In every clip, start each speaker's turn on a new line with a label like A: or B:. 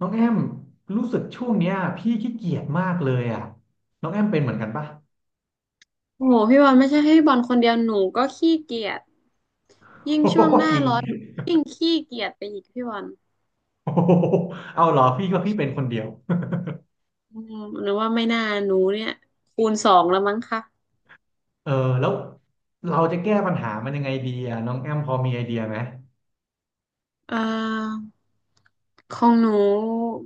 A: น้องแอมรู้สึกช่วงเนี้ยพี่ขี้เกียจมากเลยอ่ะน้องแอมเป็นเหมือนกันปะ
B: โอ้โหพี่บอลไม่ใช่ให้บอลคนเดียวหนูก็ขี้เกียจยิ่ง
A: โอ้
B: ช่วง
A: โห
B: หน้า
A: จริง
B: ร้อนหนูยิ่งขี้เกียจไปอีกพี่บอล
A: โอ้โหเอาเหรอพี่ก็พี่เป็นคนเดียว
B: อืมหนูว่าไม่น่าหนูเนี่ยคูณสองแล้วมั้งคะ
A: เออแล้วเราจะแก้ปัญหามันยังไงดีอ่ะน้องแอมพอมีไอเดียไหม
B: เอ่อของหนู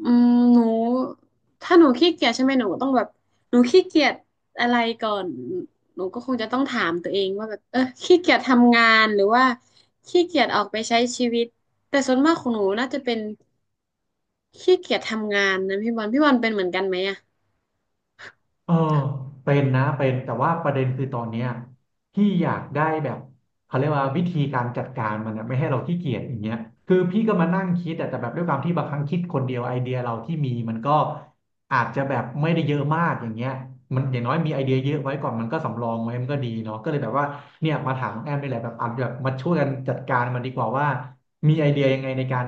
B: อืมหนูถ้าหนูขี้เกียจใช่ไหมหนูก็ต้องแบบหนูขี้เกียจอะไรก่อนหนูก็คงจะต้องถามตัวเองว่าแบบเออขี้เกียจทำงานหรือว่าขี้เกียจออกไปใช้ชีวิตแต่ส่วนมากของหนูน่าจะเป็น ขี้เกียจทำงานนะพี่บอลพี่บอลเป็นเหมือนกันไหมอ่ะ
A: เออเป็นนะเป็นแต่ว่าประเด็นคือตอนเนี้ยพี่อยากได้แบบเขาเรียกว่าวิธีการจัดการมันนะไม่ให้เราขี้เกียจอย่างเงี้ยคือพี่ก็มานั่งคิดอะแต่แบบด้วยความที่บางครั้งคิดคนเดียวไอเดียเราที่มีมันก็อาจจะแบบไม่ได้เยอะมากอย่างเงี้ยมันอย่างน้อยมีไอเดียเยอะไว้ก่อนมันก็สำรองไว้มันก็ดีเนาะก็เลยแบบว่าเนี่ยมาถามน้องแอมนี่แหละแบบอาจแบบมาช่วยกันจัดการมันดีกว่าว่ามีไอเดียยังไงในการ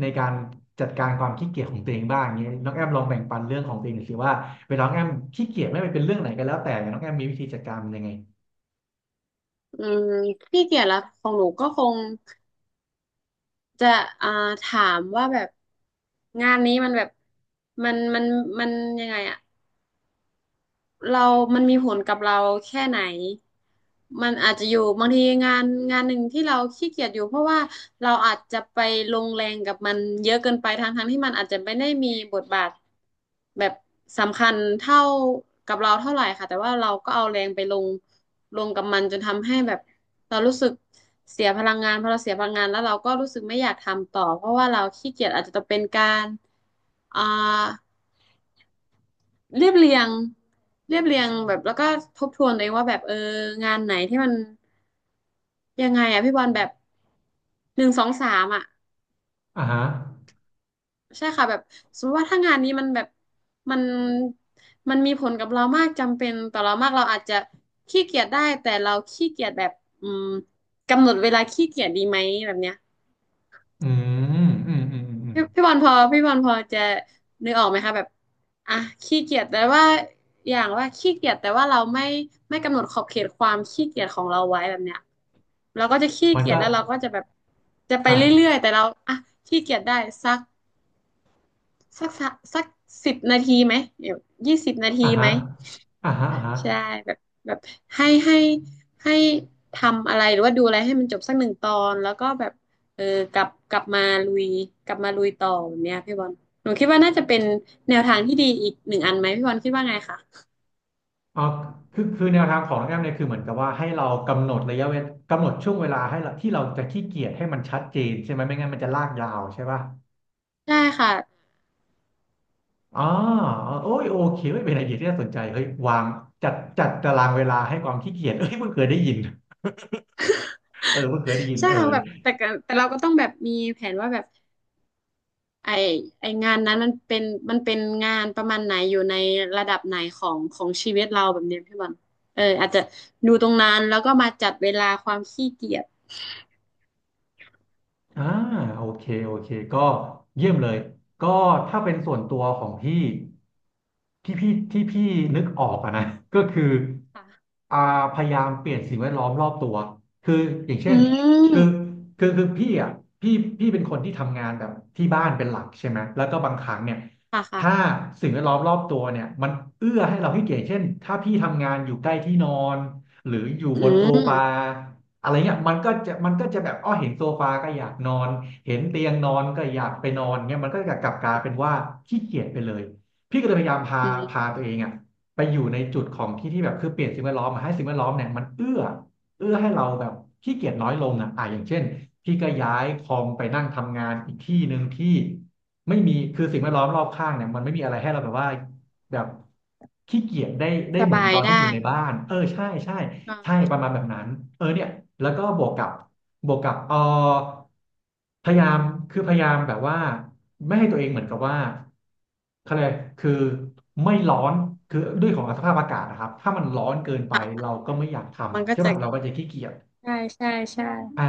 A: ในการจัดการความขี้เกียจของตัวเองบ้างอย่างเงี้ยน้องแอมลองแบ่งปันเรื่องของตัวเองหน่อยสิว่า เวลาน้องแอมขี้เกียจไม่ว่าเป็นเรื่องไหนก็แล้วแต่น้องแอมมีวิธีจัดการมันยังไง
B: อืมขี้เกียจละของหนูก็คงจะอ่าถามว่าแบบงานนี้มันแบบมันมันมันยังไงอ่ะ เรามันมีผลกับเราแค่ไหน มันอาจจะอยู่บางทีงานงานหนึ่งที่เราขี้เกียจอยู่เพราะว่าเราอาจจะไปลงแรงกับมันเยอะเกินไปทั้งที่มันอาจจะไม่ได้มีบทบาทแบบสำคัญเท่ากับเราเท่าไหร่ค่ะแต่ว่าเราก็เอาแรงไปลงกับมันจนทำให้แบบเรารู้สึกเสียพลังงานพอเราเสียพลังงานแล้วเราก็รู้สึกไม่อยากทำต่อเพราะว่าเราขี้เกียจอาจจะต้องเป็นการอ่า เรียบเรียงเรียบเรียงแบบแล้วก็ทบทวนตัวเองว่าแบบเอองานไหนที่มันยังไงอะพี่บอลแบบหนึ่งสองสามอะ
A: อ่าฮะ
B: ใช่ค่ะแบบสมมติว่าถ้างานนี้มันแบบมันมันมีผลกับเรามากจำเป็นต่อเรามากเราอาจจะขี้เกียจได้แต่เราขี้เกียจแบบอืมกำหนดเวลาขี้เกียจดีไหมแบบเนี้ย
A: อือืม
B: พี่บอลพอพี่บอลพอจะนึกออกไหมคะแบบอ่ะขี้เกียจแต่ว่าอย่างว่าขี้เกียจแต่ว่าเราไม่กำหนดขอบเขตความขี้เกียจของเราไว้แบบเนี้ยเราก็จะขี้
A: มัน
B: เกียจ
A: ก็
B: แล้วเราก็จะแบบจะไป
A: อ่า
B: เรื่อยๆแต่เราอ่ะขี้เกียจได้สักสักสักสิบนาทีไหมเดี๋ยว20 นาที
A: อ่า
B: ไหม
A: ฮะอ่าฮะอ่าฮะ
B: ใช่แบบแบบให้ให้ให้ทำอะไรหรือว่าดูอะไรให้มันจบสักหนึ่งตอนแล้วก็แบบเออกลับมาลุยกลับมาลุยต่อแบบเนี้ยพี่บอลหนูคิดว่าน่าจะเป็นแนวทางที่ดีอีกหนึ่งอันไหมพี่บอลคิดว่าไงคะ
A: เอาคือแนวทางของน้องแอมเนี่ยคือเหมือนกับว่าให้เรากำหนดระยะเวลากำหนดช่วงเวลาให้เราที่เราจะขี้เกียจให้มันชัดเจนใช่ไหมไม่งั้นมันจะลากยาวใช่ป่ะ
B: ใช่ค่ะ
A: อ๋อโอ้ยโอเคเฮ้ยเป็นไอเดียที่น่าสนใจเฮ้ยวางจัดตารางเวลาให้ความขี้เกียจเอ้ยเพิ่งเคยได้ยินเออเพิ่งเคยได้ยิน
B: ใช่
A: เอ
B: ค่ะ
A: อ
B: แบบแต่ก็แต่เราก็ต้องแบบมีแผนว่าแบบไอไองานนั้นมันเป็นงานประมาณไหนอยู่ในระดับไหนของของชีวิตเราแบบเนี้ยพี่บอลเอออาจจะดูตรงนั้นแล้วก็มาจัดเวลาความขี้เกียจ
A: อ่าโอเคโอเคก็เยี่ยมเลยก็ถ้าเป็นส่วนตัวของพี่ที่พี่นึกออกอะนะ ก็คือ
B: ค่ะ
A: อ่าพยายามเปลี่ยนสิ่งแวดล้อมรอบตัวคืออย่างเช่
B: อื
A: น
B: ม
A: คือคือพี่อ่ะพี่เป็นคนที่ทำงานแบบที่บ้านเป็นหลักใช่ไหมแล้วก็บางครั้งเนี่ย
B: ค่ะค่ะ
A: ถ้าสิ่งแวดล้อมรอบตัวเนี่ยมันเอื้อให้เราให้เกียรติเช่นถ้าพี่ทำงานอยู่ใกล้ที่นอนหรืออยู่
B: อื
A: บนโซ
B: ม
A: ฟา อะไรเงี้ยมันก็จะแบบอ้อเห็นโซฟาก็อยากนอนเห็นเตียงนอนก็อยากไปนอนเงี้ยมันก็จะกลับกลายเป็นว่าขี้เกียจไปเลยพี่ก็เลยพยายามพา
B: อื
A: ตัวเอ
B: ม
A: งอ่ะไปอยู่ในจุดของที่ที่แบบคือเปลี่ยนสิ่งแวดล้อมมาให้สิ่งแวดล้อมเนี่ยมันเอื้อให้เราแบบขี้เกียจน้อยลงอ่ะอ่ะอย่างเช่นพี่ก็ย้ายคอมไปนั่งทำงานอีกที่หนึ่งที่ไม่มีคือสิ่งแวดล้อมรอบข้างเนี่ยมันไม่มีอะไรให้เราแบบว่าแบบขี้เกียจได้
B: ส
A: เหมือน
B: บาย
A: ตอน
B: ได้
A: ที่อยู่ในบ้านเออใช่ใช่
B: อ่า
A: ใช่ประมาณแบบนั้นเออเนี่ยแล้วก็บวกกับเออพยายามคือพยายามแบบว่าไม่ให้ตัวเองเหมือนกับว่าเขาเลยกคือไม่ร้อนคือด้วยของสภาพอากาศนะครับถ้ามันร้อนเกินไป
B: ค่ะ
A: เราก็ไม่อยากท
B: มัน
A: ำ
B: ก็
A: ใช่
B: จะ
A: ป่ะเราก็จะขี้เกียจ
B: ใช่ใช่ใช่
A: อ่า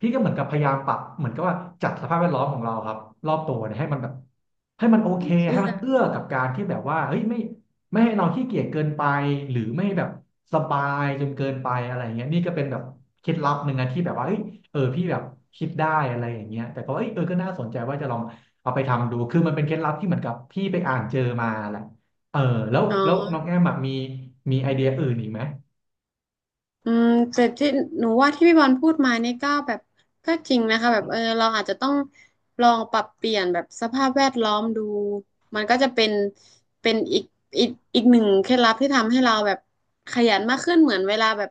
A: พี่ก็เหมือนกับพยายามปรับเหมือนกับว่าจัดสภาพแวดล้อมของเราครับรอบตัวเนี่ยให้มันแบบให้มันโอเคให้
B: เสื้อ
A: มันเอื้อกับการที่แบบว่าเฮ้ยไม่ให้เราขี้เกียจเกินไปหรือไม่แบบสบายจนเกินไปอะไรเงี้ยนี่ก็เป็นแบบเคล็ดลับหนึ่งนะที่แบบว่าเฮ้ยเออพี่แบบคิดได้อะไรอย่างเงี้ยแต่ก็เอ้ยเออก็น่าสนใจว่าจะลองเอาไปทำดูคือมันเป็นเคล็ดลับที่เหมือนกับพี่ไปอ่านเจอมาแหละเออแล้ว
B: อ๋อ
A: น้องแอมอะมีไอเดียอื่นอีกไหม
B: อืมแต่ที่หนูว่าที่พี่บอลพูดมานี่ก็แบบก็จริงนะคะแบบเออเราอาจจะต้องลองปรับเปลี่ยนแบบสภาพแวดล้อมดูมันก็จะเป็นเป็นอีกอีกหนึ่งเคล็ดลับที่ทำให้เราแบบขยันมากขึ้นเหมือนเวลาแบบ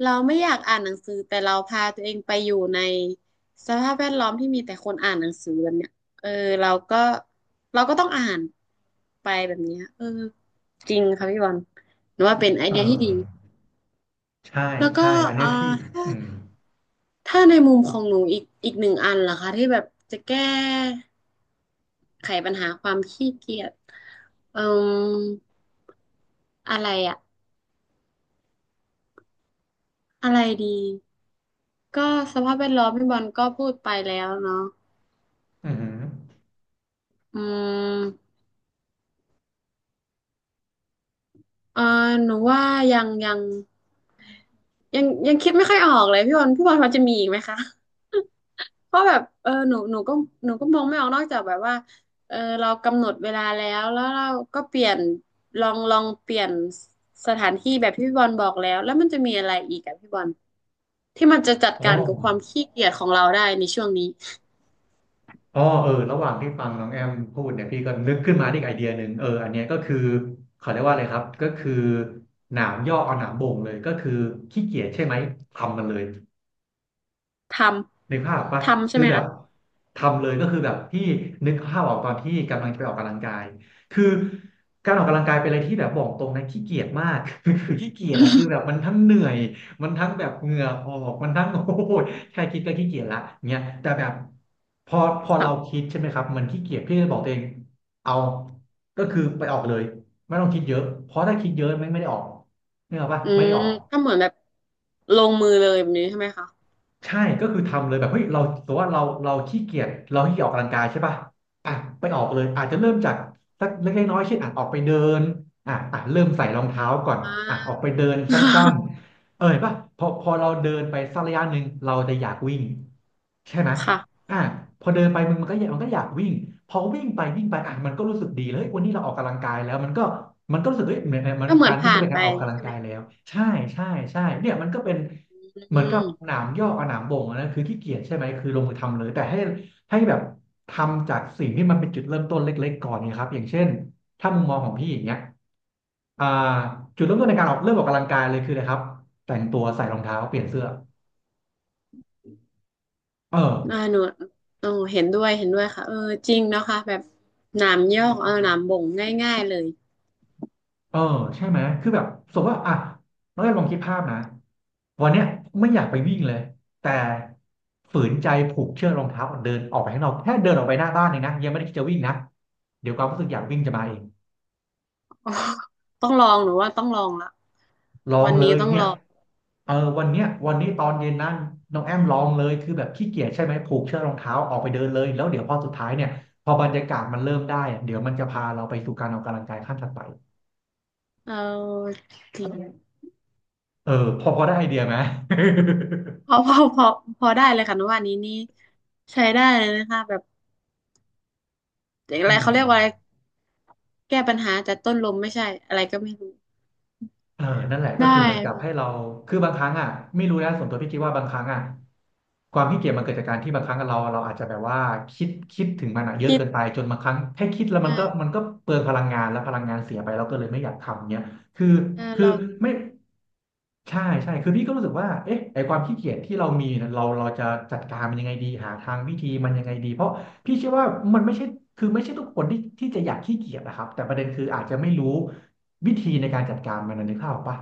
B: เราไม่อยากอ่านหนังสือแต่เราพาตัวเองไปอยู่ในสภาพแวดล้อมที่มีแต่คนอ่านหนังสือแบบเนี้ยเออเราก็เราก็ต้องอ่านไปแบบเนี้ยเออจริงค่ะพี่บอลหนูว่าเป็นไอ
A: เอ
B: เดียที่ดี
A: อใช่
B: แล้วก็
A: ใช่อันเนี้
B: เอ่อ
A: ยพี่
B: ถ้า
A: อืม
B: ถ้าในมุมของหนูอีกหนึ่งอันล่ะคะที่แบบจะแก้ไขปัญหาความขี้เกียจเอ่ออะไรอะอะไรดีก็สภาพแวดล้อมพี่บอลก็พูดไปแล้วเนาะ
A: อือหือ
B: อืมเอ่อหนูว่ายังยังยังคิดไม่ค่อยออกเลยพี่บอลพี่บอลพอจะมีอีกไหมคะ เพราะแบบเออหนูก็มองไม่ออกนอกจากแบบว่าเออเรากำหนดเวลาแล้วแล้วเราก็เปลี่ยนลองเปลี่ยนสถานที่แบบที่พี่บอลบอกแล้วแล้วมันจะมีอะไรอีกอะพี่บอลที่มันจะจัด
A: อ๋อ
B: การกับความขี้เกียจของเราได้ในช่วงนี้
A: อ๋อเออ ระหว่างที่ฟังน้องแอมพูดเนี่ยพี่ก็นึกขึ้นมาได้อีกไอเดียหนึ่งเอออันเนี้ยก็คือเขาเรียกว่าอะไรครับ ก็คือหนามย่อเอาหนามบ่งเลยก็คือขี้เกียจใช่ไหมทำมันเลย
B: ท
A: นึกภาพออกปะ
B: ทำใช่
A: คือ
B: ไหม
A: แบบ
B: คะ
A: ทำเลยก็คือแบบพี่นึกภาพออกตอนที่กำลังจะไปออกกำลังกายคือการออกกำลังกายเป็นอะไรที่แบบบอกตรงนะขี้เกียจมาก คือขี้เกียจอะคือแบบมันทั้งเหนื่อยมันทั้งแบบเหงื่อออกมันทั้งโอ้ยแค่คิดก็ขี้เกียจละเนี่ยแต่แบบพอเรา
B: ค่ะ
A: คิดใช่ไหมครับมันขี้เกียจพี่ก็เลยบอกตัวเองเอาก็คือไปออกเลยไม่ต้องคิดเยอะเพราะถ้าคิดเยอะไม่ได้ออกเนี่ยหรออกปะ
B: อื
A: ไม่ได้
B: ม
A: ออก
B: ก็เหมือนแบบลงมือเลยแบบนี้ใช่ไหมคะ
A: ใช่ก็คือทำเลยแบบเฮ้ยเราแต่ว่าเราขี้เกียจเราขี้เกียจออกกำลังกายใช่ป่ะอ่ะไปออกเลยอาจจะเริ่มจากสักเล็กๆน้อยๆเช่นอ่ะออกไปเดินอ่ะเริ่มใส่รองเท้าก่อน
B: อ่า
A: อ่ะออกไปเดินสั้น ๆเออเห็นป่ะพอเราเดินไปสักระยะหนึ่งเราจะอยากวิ่งใช่ไหม
B: ค่ะ
A: อ่ะพอเดินไปมันก็อยากมันก็อยากวิ่งพอวิ่งไปวิ่งไปอ่ะมันก็รู้สึกดีเลยเฮ้ยวันนี้เราออกกำลังกายแล้วมันก็มันก็รู้สึกเฮ้ยเหมือนมัน
B: ก็เหมือ
A: กา
B: น
A: รวิ่ง
B: ผ่า
A: ก็
B: น
A: เป็น
B: ไป
A: การออกกำลัง
B: ใช่ไห
A: กา
B: ม
A: ยแล้วใช่ใช่ใช่เนี่ยมันก็เป็น เหมือน
B: อื
A: กับ
B: ม
A: หนามยอกกับหนามบ่งอันนั้นคือขี้เกียจใช่ไหมคือลงมือทำเลยแต่ให้แบบทำจากสิ่งที่มันเป็นจุดเริ่มต้นเล็กๆก่อนเนี่ยครับอย่างเช่นถ้ามุมมองของพี่อย่างเงี้ยอ่าจุดเริ่มต้นในการออกเริ่มออกกำลังกายเลยคืออะไรครับแต่งตัวใส่รองเท้าเปลี่ยนเสื้อเออ
B: หนูโอ้เห็นด้วยเห็นด้วยค่ะเออจริงเนาะค่ะแบบหนามยอกเออหนามบ่งง่ายๆเลย
A: เออใช่ไหมคือแบบสมมติว่าอ่ะน้องแอมลองคิดภาพนะวันเนี้ยไม่อยากไปวิ่งเลยแต่ฝืนใจผูกเชือกรองเท้าเดินออกไปข้างนอกแค่เดินออกไปหน้าบ้านเองนะยังไม่ได้คิดจะวิ่งนะเดี๋ยวความรู้สึกอยากวิ่งจะมาเอง
B: อ๋อต้องลองหนูว่าต้องลองละ
A: ลอง
B: วัน
A: เล
B: นี้
A: ย
B: ต้อง
A: เนี่
B: ล
A: ย
B: อง
A: เออวันเนี้ยวันนี้ตอนเย็นนั่นน้องแอมลองเลยคือแบบขี้เกียจใช่ไหมผูกเชือกรองเท้าออกไปเดินเลยแล้วเดี๋ยวพอสุดท้ายเนี่ยพอบรรยากาศมันเริ่มได้อะเดี๋ยวมันจะพาเราไปสู่การออกกำลังกายขั้นถัดไป
B: เออจริง
A: เออพอได้ไอเดียไหม
B: พอ พอพอพอได้เลยค่ะหนูว่านี้นี่ใช้ได้เลยนะคะแบบอะ
A: อื
B: ไรเขาเรียกว่าอะไร
A: ม
B: แก้ปัญหาแต่ต้นลมไม่ใช่อะไรก็ไม่รู้
A: เออนั่นแหละก็
B: ได้
A: คือเหมือนกับให้
B: ค่ะ
A: เราคือบางครั้งอ่ะไม่รู้นะส่วนตัวพี่คิดว่าบางครั้งอ่ะความขี้เกียจมันเกิดจากการที่บางครั้งเราอาจจะแบบว่าคิดถึงมันอ่ะเยอะ
B: คิด
A: เกินไปจนบางครั้งแค่คิดแล้วมันก็มัน
B: อ่า
A: ก็เปลืองพลังงานแล้วพลังงานเสียไปเราก็เลยไม่อยากทำเนี้ยคือ
B: อ่า
A: คือ
B: เรา
A: ไม่ใช่คือพี่ก็รู้สึกว่าเอ๊ะไอความขี้เกียจที่เรามีเน่ะเราจะจัดการมันยังไงดีหาทางวิธีมันยังไงดีเพราะพี่เชื่อว่ามันไม่ใช่คือไม่ใช่ทุกคนที่จะอยากขี้เกียจนะครับแต่ประเด็นคืออาจจะไม่รู้ วิธีในการจัดการมันนะนึกภาพออกปะ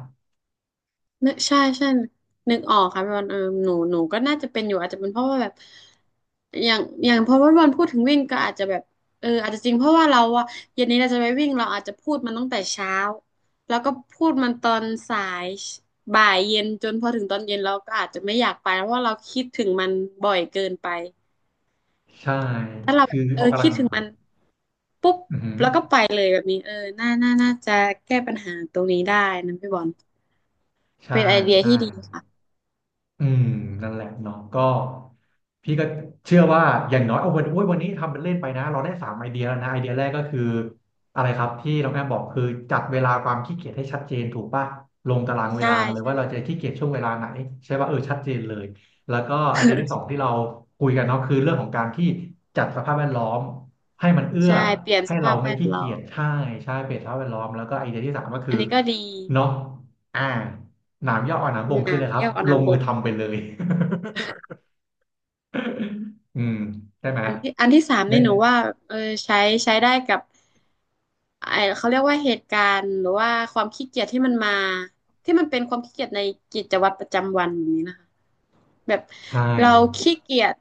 B: นึกใช่ใช่นึกออกค่ะพี่บอลหนูก็น่าจะเป็นอยู่อาจจะเป็นเพราะว่าแบบอย่างพอพี่บอลพูดถึงวิ่งก็อาจจะแบบอาจจะจริงเพราะว่าเราอะเย็นนี้เราจะไปวิ่งเราอาจจะพูดมันตั้งแต่เช้าแล้วก็พูดมันตอนสายบ่ายเย็นจนพอถึงตอนเย็นเราก็อาจจะไม่อยากไปเพราะว่าเราคิดถึงมันบ่อยเกินไป
A: ใช่
B: ถ้าเราแบ
A: คือ
B: บ
A: ออกกำ
B: คิ
A: ลั
B: ด
A: ง
B: ถึงมันปุ๊บ
A: อือหือ
B: แล้วก็ไปเลยแบบนี้น่าจะแก้ปัญหาตรงนี้ได้นะพี่บอล
A: ใช่
B: เป็นไอเดีย
A: ใช่
B: ที่ดีค่ะ
A: อืมนั่นแหละเนาะก็พี่ก็เชื่อว่าอย่างน้อยเอาวันโอ้ยวันนี้ทำเป็นเล่นไปนะเราได้สามไอเดียแล้วนะไอเดียแรกก็คืออะไรครับที่น้องแอมบอกคือจัดเวลาความขี้เกียจให้ชัดเจนถูกป่ะลงตารางเว
B: ใช่
A: ลามาเลย
B: ใช่
A: ว่าเราจะ
B: ค่ะ
A: ขี้เกียจช่วงเวลาไหนใช่ป่ะเออชัดเจนเลยแล้วก็ไอเดียที่สอ งที่เราคุยกันเนาะคือเรื่องของการที่จัดสภาพแวดล้อมให้มันเอื้อ
B: ใช่เปลี่ยนส
A: ให้
B: ภา
A: เรา
B: พแว
A: ไม่
B: ด
A: ขี้
B: ล้
A: เกี
B: อ
A: ยจ
B: ม
A: ใช่ใช่เปลี่ยนสภาพแวดล้อมแล้วก็ไอเดียที่สามก็
B: อั
A: คือ
B: นนี้ก็ดี
A: เนาะอ่า หนามย่ออ่อนหนามบ่งคืออะไร
B: น้ำ
A: ครับ
B: เยี่ยวเอา
A: ลง
B: น้ำบ
A: มือ
B: ก
A: ทำไปเลย อืมใช่ไหม
B: อันที่สาม
A: ได้
B: นี่หนูว่าเออใช้ใช้ได้กับไอเขาเรียกว่าเหตุการณ์หรือว่าความขี้เกียจที่มันมาที่มันเป็นความขี้เกียจในกิจวัตรประจำวันแบบนี้นะคะแบบ
A: ใช่
B: เราขี้เกียจ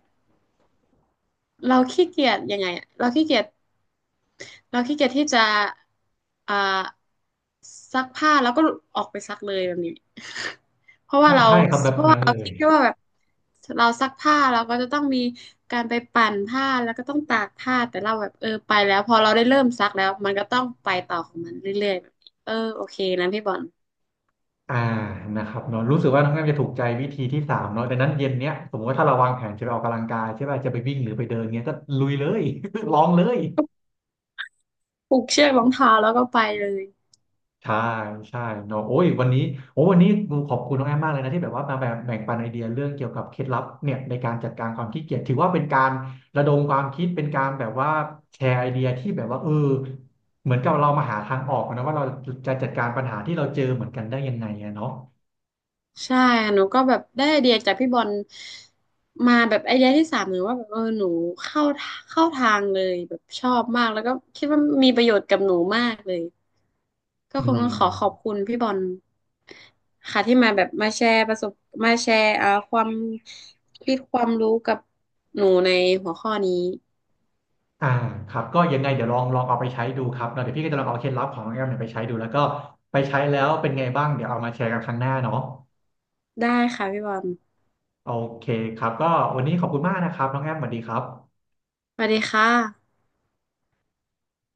B: เราขี้เกียจยังไงอะเราขี้เกียจ เราขี้เกียจที่จะอ่าซักผ้าแล้วก็ออกไปซักเลยแบบนี้ เพราะว่า
A: ถ้า
B: เรา
A: ใช่ครับแบ
B: เพ
A: บ
B: ราะว่า
A: นั้นเล
B: เรา
A: ย
B: คิดแค่ว่าแบบเราซักผ้าเราก็จะต้องมีการไปปั่นผ้าแล้วก็ต้องตากผ้าแต่เราแบบไปแล้วพอเราได้เริ่มซักแล้วมันก็ต้องไปต่อของมันเรื่อยๆแบบนี้โอเคนะพี่บอล
A: อ่านะครับเนาะรู้สึกว่าน้องแอมจะถูกใจวิธีที่สามเนาะดังนั้นเย็นเนี้ยสมมติว่าถ้าเราวางแผนจะไปออกกำลังกายใช่ป่ะจะไปวิ่งหรือไปเดินเงี้ยก็ลุยเลย ลองเลย
B: ผูกเชือกรองเท้าแล้วก็ไปเลย
A: ใช่ใช่เนาะโอ้ยวันนี้โอ้วันนี้ขอบคุณน้องแอมมากเลยนะที่แบบว่ามาแบบแบ่งปันไอเดียเรื่องเกี่ยวกับเคล็ดลับเนี่ยในการจัดการความขี้เกียจถือว่าเป็นการระดมความคิดเป็นการแบบว่าแชร์ไอเดียที่แบบว่าเออเหมือนกับเรามาหาทางออกนะว่าเราจะจัดการปัญหาที่เราเจอเหมือนกันได้ยังไงอะเนาะ
B: ใช่หนูก็แบบได้ไอเดียจากพี่บอลมาแบบไอเดียที่สามหนูว่าแบบหนูเข้าเข้าทางเลยแบบชอบมากแล้วก็คิดว่ามีประโยชน์กับหนูมากเลยก็
A: อื
B: คงต้องขอขอบ
A: ม
B: คุณพี่บอลค่ะที่มาแบบมาแชร์ประสบมาแชร์ความคิดความรู้กับหนูในหัวข้อนี้
A: อ่าครับก็ยังไงเดี๋ยวลองเอาไปใช้ดูครับเนาะเดี๋ยวพี่ก็จะลองเอาเคล็ดลับของน้องแอมเนี่ยไปใช้ดูแล้วก็ไปใช้แล้วเป็นไงบ้างเดี๋ยวเอามาแชร์กันครั้งหน้าเนาะ
B: ได้ค่ะพี่บอล
A: โอเคครับก็วันนี้ขอบคุณมากนะครับน้องแอมสวัสดีครับ
B: สวัสดีค่ะ